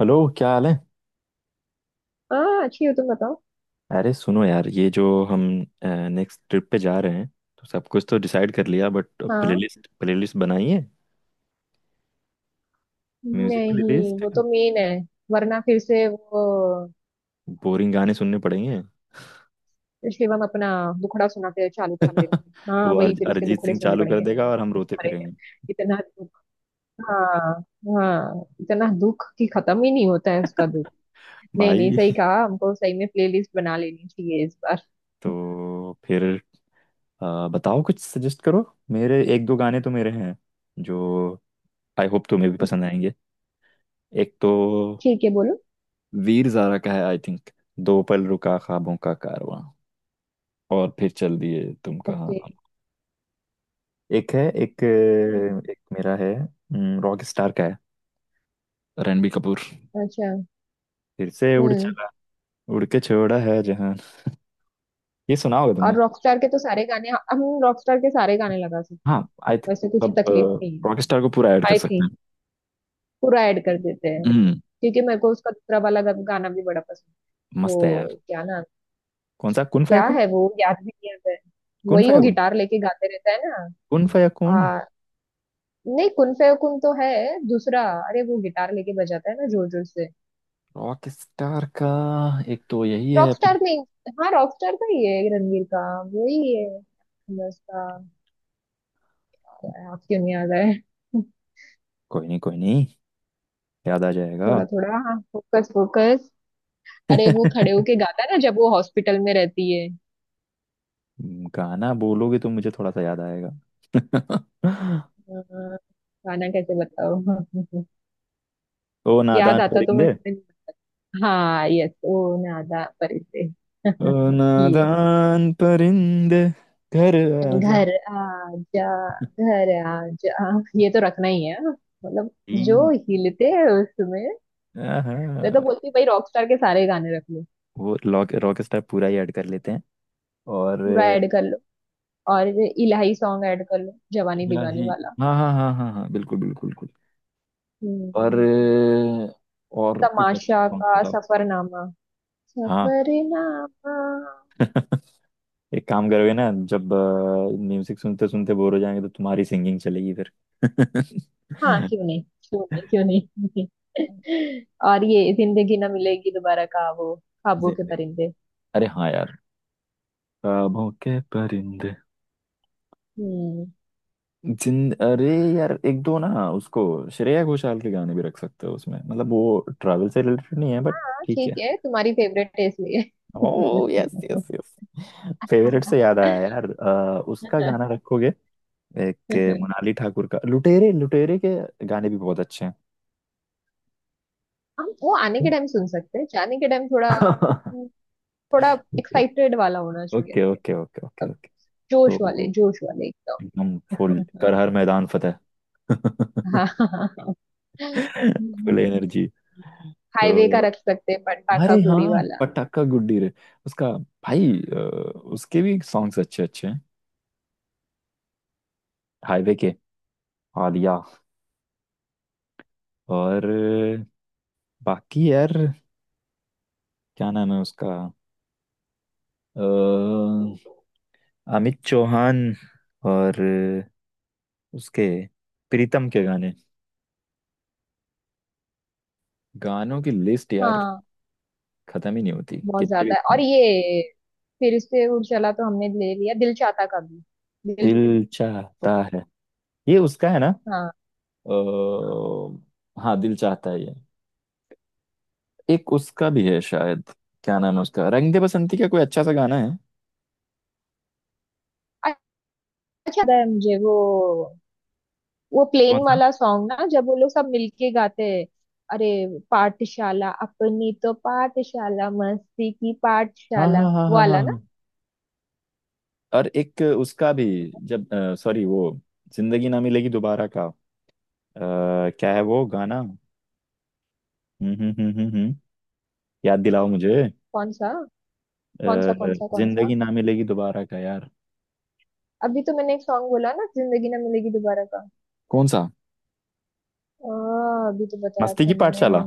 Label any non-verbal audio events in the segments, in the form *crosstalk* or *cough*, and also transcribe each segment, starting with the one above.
Hello क्या हाल है। हाँ, अच्छी हो। तुम बताओ। अरे सुनो यार, ये जो हम नेक्स्ट ट्रिप पे जा रहे हैं, तो सब कुछ तो डिसाइड कर लिया, बट हाँ, प्लेलिस्ट प्लेलिस्ट बनाई है? म्यूजिक नहीं प्लेलिस्ट। वो तो मेन है। वरना फिर से वो बोरिंग गाने सुनने पड़ेंगे। शिवम अपना दुखड़ा सुनाते चालू कर देगा। हाँ, वो अर, वही फिर उसके अरिजीत दुखड़े सिंह सुनने चालू कर पड़ेंगे। देगा और हम दुख रोते भरे हैं। फिरेंगे इतना दुख। हाँ। हाँ, इतना दुख कि खत्म ही नहीं होता है उसका दुख। नहीं नहीं, भाई। सही कहा। हमको सही में प्लेलिस्ट बना लेनी चाहिए इस बार। *laughs* तो फिर बताओ, कुछ सजेस्ट करो। मेरे एक दो गाने तो मेरे हैं जो आई होप तुम्हें भी पसंद आएंगे। एक तो ठीक है, बोलो। वीर ज़ारा का है आई थिंक। दो पल रुका ख्वाबों का कारवां और फिर चल दिए तुम कहाँ। ओके। एक है, एक हम्म। एक मेरा है। रॉक स्टार का है, रणबीर कपूर। अच्छा। फिर से उड़ हम्म। चला, उड़ के छोड़ा है जहान। ये सुना होगा और तुमने। रॉकस्टार के तो सारे गाने, हम रॉकस्टार के सारे गाने लगा सकते हाँ हैं। आई थिंक वैसे कुछ अब तकलीफ नहीं। रॉक स्टार को पूरा ऐड कर आई सकते थी। हैं। पूरा ऐड कर देते हैं। हम्म। क्योंकि मेरे को उसका दूसरा वाला गाना भी बड़ा पसंद है। मस्त है यार। वो क्या ना। कौन सा? कुन क्या फयाकुन। है वो, याद भी नहीं आता है। कुन वही वो फयाकुन। गिटार लेके गाते रहता है ना। कुन फयाकुन। आ, नहीं, कुन फे कुन तो है। दूसरा। अरे वो गिटार लेके बजाता है ना, जोर जोर से। रॉक स्टार का एक तो यही है फिर। रॉकस्टार नहीं। हाँ, रॉकस्टार का ही है रणवीर का। वही है। बस का। आप क्यों नहीं आ गए। *laughs* कोई नहीं कोई नहीं, याद आ जाएगा। थोड़ा थोड़ा, हाँ, फोकस फोकस। अरे वो खड़े होके गाता है ना जब वो हॉस्पिटल में रहती है। गाना बोलोगे तो मुझे थोड़ा सा याद आएगा। हाँ, गाना कैसे बताओ। *laughs* ओ याद नादान आता तो मैं परिंदे। समझ। हाँ यस, वो ना आधा परे से। ओ *laughs* ये। नादान परिंदे, घर आ जा। घर आजा। घर आजा। ये तो रखना ही है हाँ। मतलब, जो तीन। हिलते हैं उसमें। हाँ मैं तो हाँ। बोलती हूँ, भाई रॉकस्टार के सारे गाने रख लो। वो रॉक रॉक स्टार पूरा ही ऐड कर लेते हैं। और पूरा ऐड कर लो। और ये इलाही सॉन्ग ऐड कर लो, जवानी दीवानी इलाही। वाला। हाँ हाँ हाँ हाँ हाँ, बिल्कुल बिल्कुल बिल्कुल। और हम्म। और कुछ अच्छे तमाशा सॉन्ग का बताओ। सफरनामा। हाँ, सफरनामा। एक काम करोगे ना? जब म्यूजिक सुनते सुनते बोर हो जाएंगे तो तुम्हारी सिंगिंग चलेगी फिर। *laughs* हाँ, क्यों नहीं, क्यों नहीं, क्यों नहीं। *laughs* और ये जिंदगी ना मिलेगी दोबारा का वो ख्वाबों के जिंदगी, परिंदे। अरे हाँ यार, ख्वाबों के परिंदे। हम्म। जिन अरे यार, एक दो ना उसको, श्रेया घोषाल के गाने भी रख सकते हो उसमें। मतलब वो ट्रैवल से रिलेटेड नहीं है बट हाँ ठीक ठीक है। है, तुम्हारी फेवरेट है इसलिए। Oh yes yes. *laughs* फेवरेट से याद आया यार, उसका गाना रखोगे? एक मोनाली ठाकुर का, लुटेरे, लुटेरे के गाने भी बहुत अच्छे हैं। हम वो आने के टाइम सुन सकते हैं, जाने के टाइम थोड़ा *laughs* थोड़ा एक्साइटेड वाला होना चाहिए। Okay okay okay okay okay अब, ओके। तो जोश वाले एकदम। एकदम फुल कर, हर मैदान फतेह। *laughs* *laughs* हाँ। Full energy. हाईवे का तो रख सकते हैं, अरे पटाखा गुड़ी हाँ, वाला। पटाखा गुड्डी रे, उसका। भाई अ, उसके भी सॉन्ग्स अच्छे अच्छे हैं, हाईवे के, आलिया। और बाकी यार, क्या नाम है उसका, अ, अमित चौहान। और उसके, प्रीतम के गाने, गानों की लिस्ट यार हाँ, खत्म ही नहीं होती, बहुत कितने ज्यादा है। भी। और ये फिर से उड़ चला तो हमने ले लिया दिल चाहता का भी। दिल दिल चाहता। चाहता है, ये उसका है ना? हाँ, हाँ दिल चाहता है, ये एक उसका भी है शायद। क्या नाम है उसका, रंग दे बसंती का कोई अच्छा सा गाना है। अच्छा लगता है मुझे वो। वो प्लेन कौन सा? वाला सॉन्ग ना, जब वो लोग सब मिलके गाते हैं। अरे, पाठशाला, अपनी तो पाठशाला, मस्ती की हाँ पाठशाला हाँ हाँ वो हाँ हाँ वाला ना। हाँ। और एक उसका भी, जब, सॉरी वो, जिंदगी ना मिलेगी दोबारा का क्या है वो गाना? हम्म हम्म हम्म हम्म। याद दिलाओ मुझे। कौन सा, अ, कौन सा, कौन सा, कौन सा? जिंदगी ना मिलेगी दोबारा का यार। अभी तो मैंने एक सॉन्ग बोला ना, जिंदगी ना मिलेगी दोबारा का। कौन सा, अभी तो बताया मस्ती था की मैंने। पाठशाला?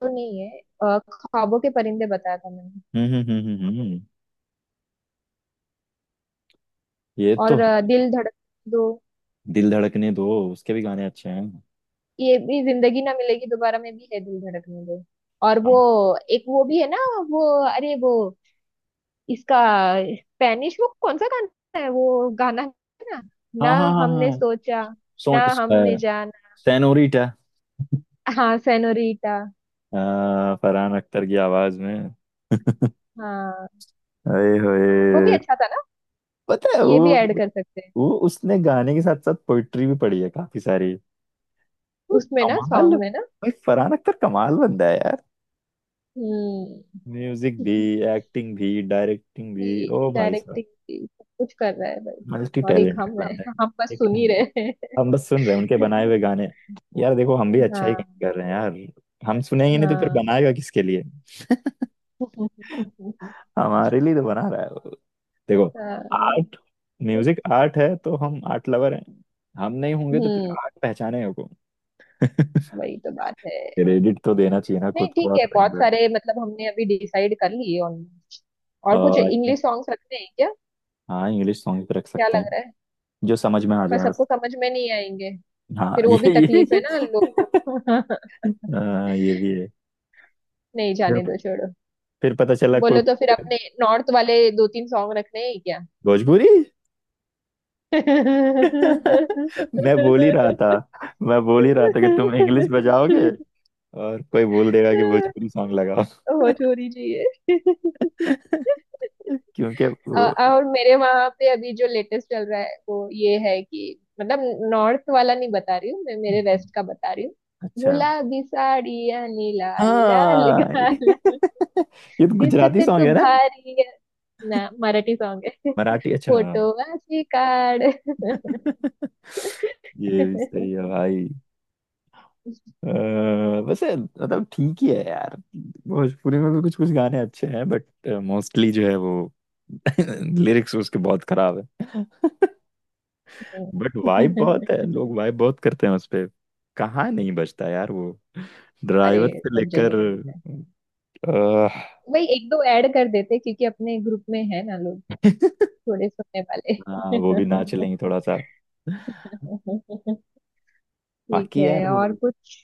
तो नहीं है, ख्वाबों के परिंदे बताया था मैंने। हम्म हम्म हम्म हम्म हम्म। ये तो और है। दिल धड़क दो। दिल धड़कने दो उसके भी गाने अच्छे हैं। ये भी जिंदगी ना मिलेगी दोबारा में भी है, दिल धड़कने दो। और वो, हाँ एक वो भी है ना, वो, अरे वो, इसका, स्पेनिश वो कौन सा गाना है, वो गाना है। ना, हाँ ना हाँ हाँ हमने हाँ। सोचा, सोन, ना हमने अ, जाना। सेनोरिटा, हाँ, सेनोरीटा। फरहान अख्तर की आवाज में। हाँ, अरे वो भी होए, अच्छा था ना। पता है ये भी वो ऐड कर सकते हैं। वो उसने गाने के साथ साथ पोइट्री भी पढ़ी है काफी सारी। वो उसमें ना, कमाल सॉन्ग में ना। भाई, फरहान अख्तर कमाल बंदा है यार। हम्म। म्यूजिक भी, एक्टिंग भी, डायरेक्टिंग भी, ओ भाई। डायरेक्टिंग सब कुछ कर रहा है भाई। मल्टी और एक टैलेंटेड हम है। बंदा है, हम बस ठीक सुन है। ही रहे हैं। हम बस सुन रहे हैं उनके बनाए हुए गाने। यार देखो, हम भी अच्छा ही हाँ। काम कर रहे हैं यार। हम सुनेंगे नहीं तो फिर हाँ। बनाएगा किसके लिए? *laughs* *laughs* हमारे लिए तो बना रहा है वो। देखो, हाँ। आर्ट, म्यूजिक आर्ट है तो हम आर्ट लवर हैं। हम नहीं होंगे तो फिर हम्म। आर्ट पहचानेगा को? *laughs* वही तो बात है। क्रेडिट तो देना चाहिए ना नहीं खुद को ठीक और है, अपने-। बहुत सारे मतलब हमने अभी डिसाइड कर लिए ऑलमोस्ट। और कुछ और इंग्लिश सॉन्ग्स रखने हैं क्या? हाँ, इंग्लिश सॉन्ग भी रख क्या सकते लग हैं, रहा है? जो समझ में आ पर जाए सबको बस। समझ में नहीं आएंगे। हाँ फिर वो भी ये *laughs* तकलीफ है ये, ना, लोग। *laughs* हाँ, ये भी है। नहीं, फिर जाने दो, छोड़ो। फिर पता चला कोई बोलो तो फिर अपने नॉर्थ वाले दो तीन सॉन्ग रखने हैं क्या? भोजपुरी। *laughs* मैं बोल ही रहा था, *laughs* मैं बोल ही रहा था कि तुम इंग्लिश बजाओगे और कोई बोल देगा कि भोजपुरी सॉन्ग लगाओ। हो छोरी जी ये। *laughs* क्योंकि *laughs* वो, और मेरे वहां पे अभी जो लेटेस्ट चल रहा है वो ये है कि मतलब, नॉर्थ वाला नहीं बता रही हूँ मैं, मेरे हम्म, वेस्ट का बता रही हूँ। अच्छा गुलाबी साड़ियाँ, लाल लाल हाँ। *laughs* गाल। ये तो गुजराती दिसते सॉन्ग तू है ना? भारी है। ना, मराठी सॉन्ग है। मराठी, अच्छा हाँ। फोटो वाची कार्ड। *laughs* ये भी सही है भाई। अ, वैसे मतलब ठीक ही है यार, भोजपुरी में भी कुछ कुछ गाने अच्छे हैं बट मोस्टली जो है वो *laughs* लिरिक्स उसके बहुत खराब है। बट वाइब बहुत है, *laughs* लोग वाइब बहुत करते हैं उस पे। कहाँ नहीं बचता यार वो, अरे ड्राइवर से सब जगह लेकर। पे। *laughs* अह, वही एक दो ऐड कर देते, क्योंकि अपने ग्रुप में है ना लोग, थोड़े सुनने वाले। हाँ, वो भी नाच लेंगे थोड़ा सा। *laughs* ठीक बाकी है, यार, और कुछ?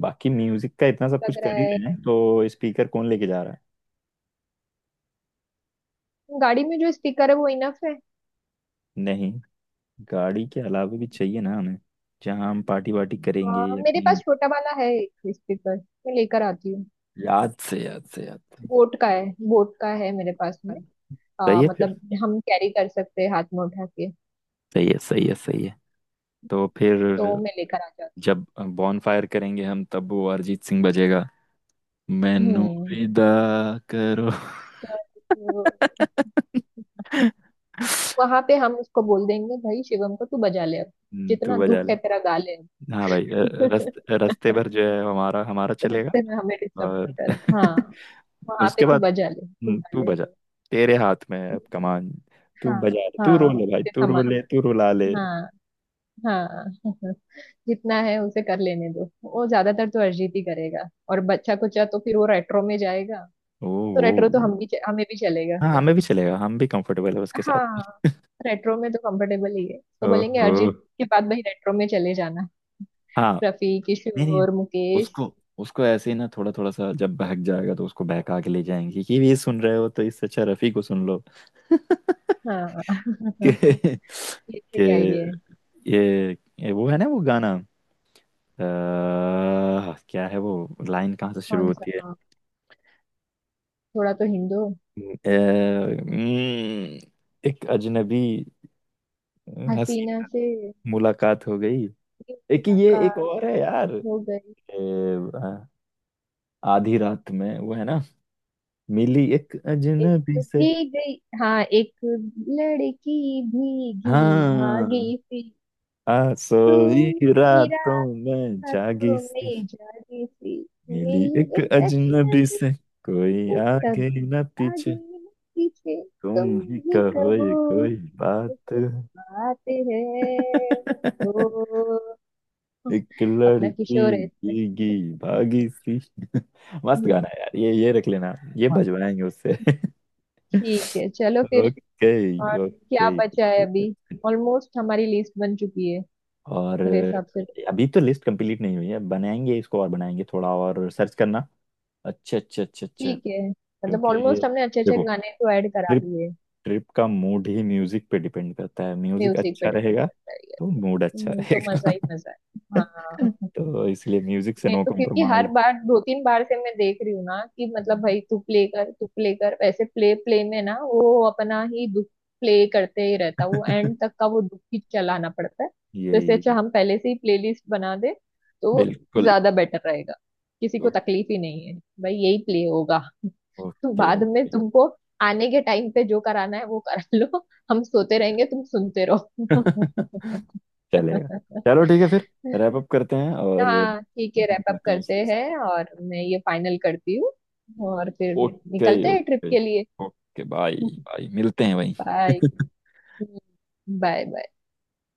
बाकी म्यूजिक का इतना सब कुछ लग कर रहा ही है, रहे हैं तो स्पीकर कौन लेके जा रहा है? गाड़ी में जो स्पीकर है वो इनफ है। नहीं, गाड़ी के अलावा भी चाहिए ना हमें, जहाँ हम पार्टी वार्टी करेंगे या मेरे कहीं। पास छोटा वाला है एक स्पीकर। मैं लेकर आती हूँ। याद से याद से याद से। बोट का है। बोट का है मेरे पास में। सही है फिर, मतलब हम कैरी कर सकते हैं हाथ में उठा के। सही है सही है सही है। तो फिर तो मैं लेकर आ जाती जब बॉन फायर करेंगे हम, तब वो अरिजीत सिंह बजेगा। मैनू हूँ। हम्म। विदा करो। तो *laughs* वहां पे हम उसको बोल देंगे, भाई शिवम को तू बजा ले अब। तू जितना बजा दुख ले। है तेरा गा ले हाँ भाई। अब। *laughs* रस्ते भर जो है हमारा, हमारा चलेगा रास्ते में हमें डिस्टर्ब और कर, हाँ। *laughs* वहां पे उसके तू बाद बजा ले, तू गा तू ले। बजा, तेरे हाथ में है अब कमान। तू हाँ। बजा ले, तू रो हाँ, ले, भाई उसे तू रो संभाल ले, तू रुला ले, ले। हाँ। हाँ। *laughs* जितना है उसे कर लेने दो। वो ज्यादातर तो अरिजीत ही करेगा। और बच्चा कुचा तो फिर वो रेट्रो में जाएगा। ओ, तो रेट्रो तो ओ। हम भी, हमें भी चलेगा। हाँ हमें भी चलेगा, हम भी कंफर्टेबल है उसके साथ। हाँ। रेट्रो में तो कंफर्टेबल ही है, तो बोलेंगे ओहो अरिजीत के बाद भाई रेट्रो में चले जाना। हाँ। रफी, नहीं नहीं, किशोर, मुकेश। उसको, उसको ऐसे ही ना, थोड़ा थोड़ा सा जब बहक जाएगा तो उसको बहका के ले जाएंगी कि ये सुन रहे हो तो इससे अच्छा रफी को सुन लो। हाँ, *laughs* *laughs* कि, ये कि सही आइडिया है। ये, ये वो है ना वो गाना, अ, क्या है वो, लाइन कहाँ से शुरू कौन सा? होती है? हाँ, थोड़ा तो हिंदू अ, हम्म, एक अजनबी हसीन हसीना से। मुलाकात हो गई। ये एक ये, एक मुलाकात और है यार। हो गई। अ, आधी रात में वो है ना, मिली एक एक अजनबी तो से। भीग गई। हाँ, एक लड़की भीगी हाँ, भागी सी। आ तू सोई मेरा रातों में था जागी तो सी, मैं जाने से। मिली मिली एक एक अजनबी अजनबी से, कोई से। आगे न कभी आगे पीछे, न पीछे। तुम तुम ही ही कहो कहो ये कोई तो बात। कोई बात है। ओ। *laughs* एक अपना लड़की किशोर है इसमें। भीगी भागी सी। *laughs* मस्त हम्म, गाना है यार, ये रख लेना, ये और, भजवाएंगे उससे। *laughs* ठीक है, चलो फिर। ओके और ओके क्या बचा है अभी? ओके। ऑलमोस्ट हमारी लिस्ट बन चुकी है। और मेरे हिसाब से। अभी तो लिस्ट कंप्लीट नहीं हुई है, बनाएंगे इसको, और बनाएंगे, थोड़ा और सर्च करना। अच्छा अच्छा अच्छा अच्छा, ठीक है, मतलब क्योंकि ऑलमोस्ट हमने अच्छे अच्छे देखो, गाने तो ऐड करा ट्रिप लिए। ट्रिप का मूड ही म्यूजिक पे डिपेंड करता है। म्यूजिक म्यूजिक पे अच्छा डिपेंड रहेगा करता है। तो मूड अच्छा तो मजा रहेगा। ही मजा है। *laughs* हाँ। तो इसलिए म्यूजिक से मैं नो तो क्योंकि हर कॉम्प्रोमाइज। बार, दो तीन बार से मैं देख रही हूँ ना कि मतलब, भाई तू प्ले कर, तू प्ले कर, वैसे प्ले प्ले में ना वो अपना ही दुख प्ले करते ही रहता है, वो एंड तक का वो दुख ही चलाना पड़ता है, तो इससे यही अच्छा यही, हम पहले से ही प्लेलिस्ट बना दे। तो बिल्कुल। ज्यादा बेटर रहेगा। किसी को तकलीफ ही नहीं है। भाई यही प्ले होगा। तो ओके बाद में ओके। तुमको आने के टाइम पे जो कराना है वो करा लो। हम सोते रहेंगे, तुम सुनते रहो। *laughs* चलेगा, चलो ठीक है फिर। *laughs* रैप अप करते हैं और हाँ ठीक है, done रैप अप करते हैं करते इसलिए। हैं और मैं ये फाइनल करती हूँ, और फिर ओके निकलते हैं ट्रिप ओके। के लिए। ओके बाय *laughs* बाय, मिलते हैं भाई। Bye, *laughs* bye.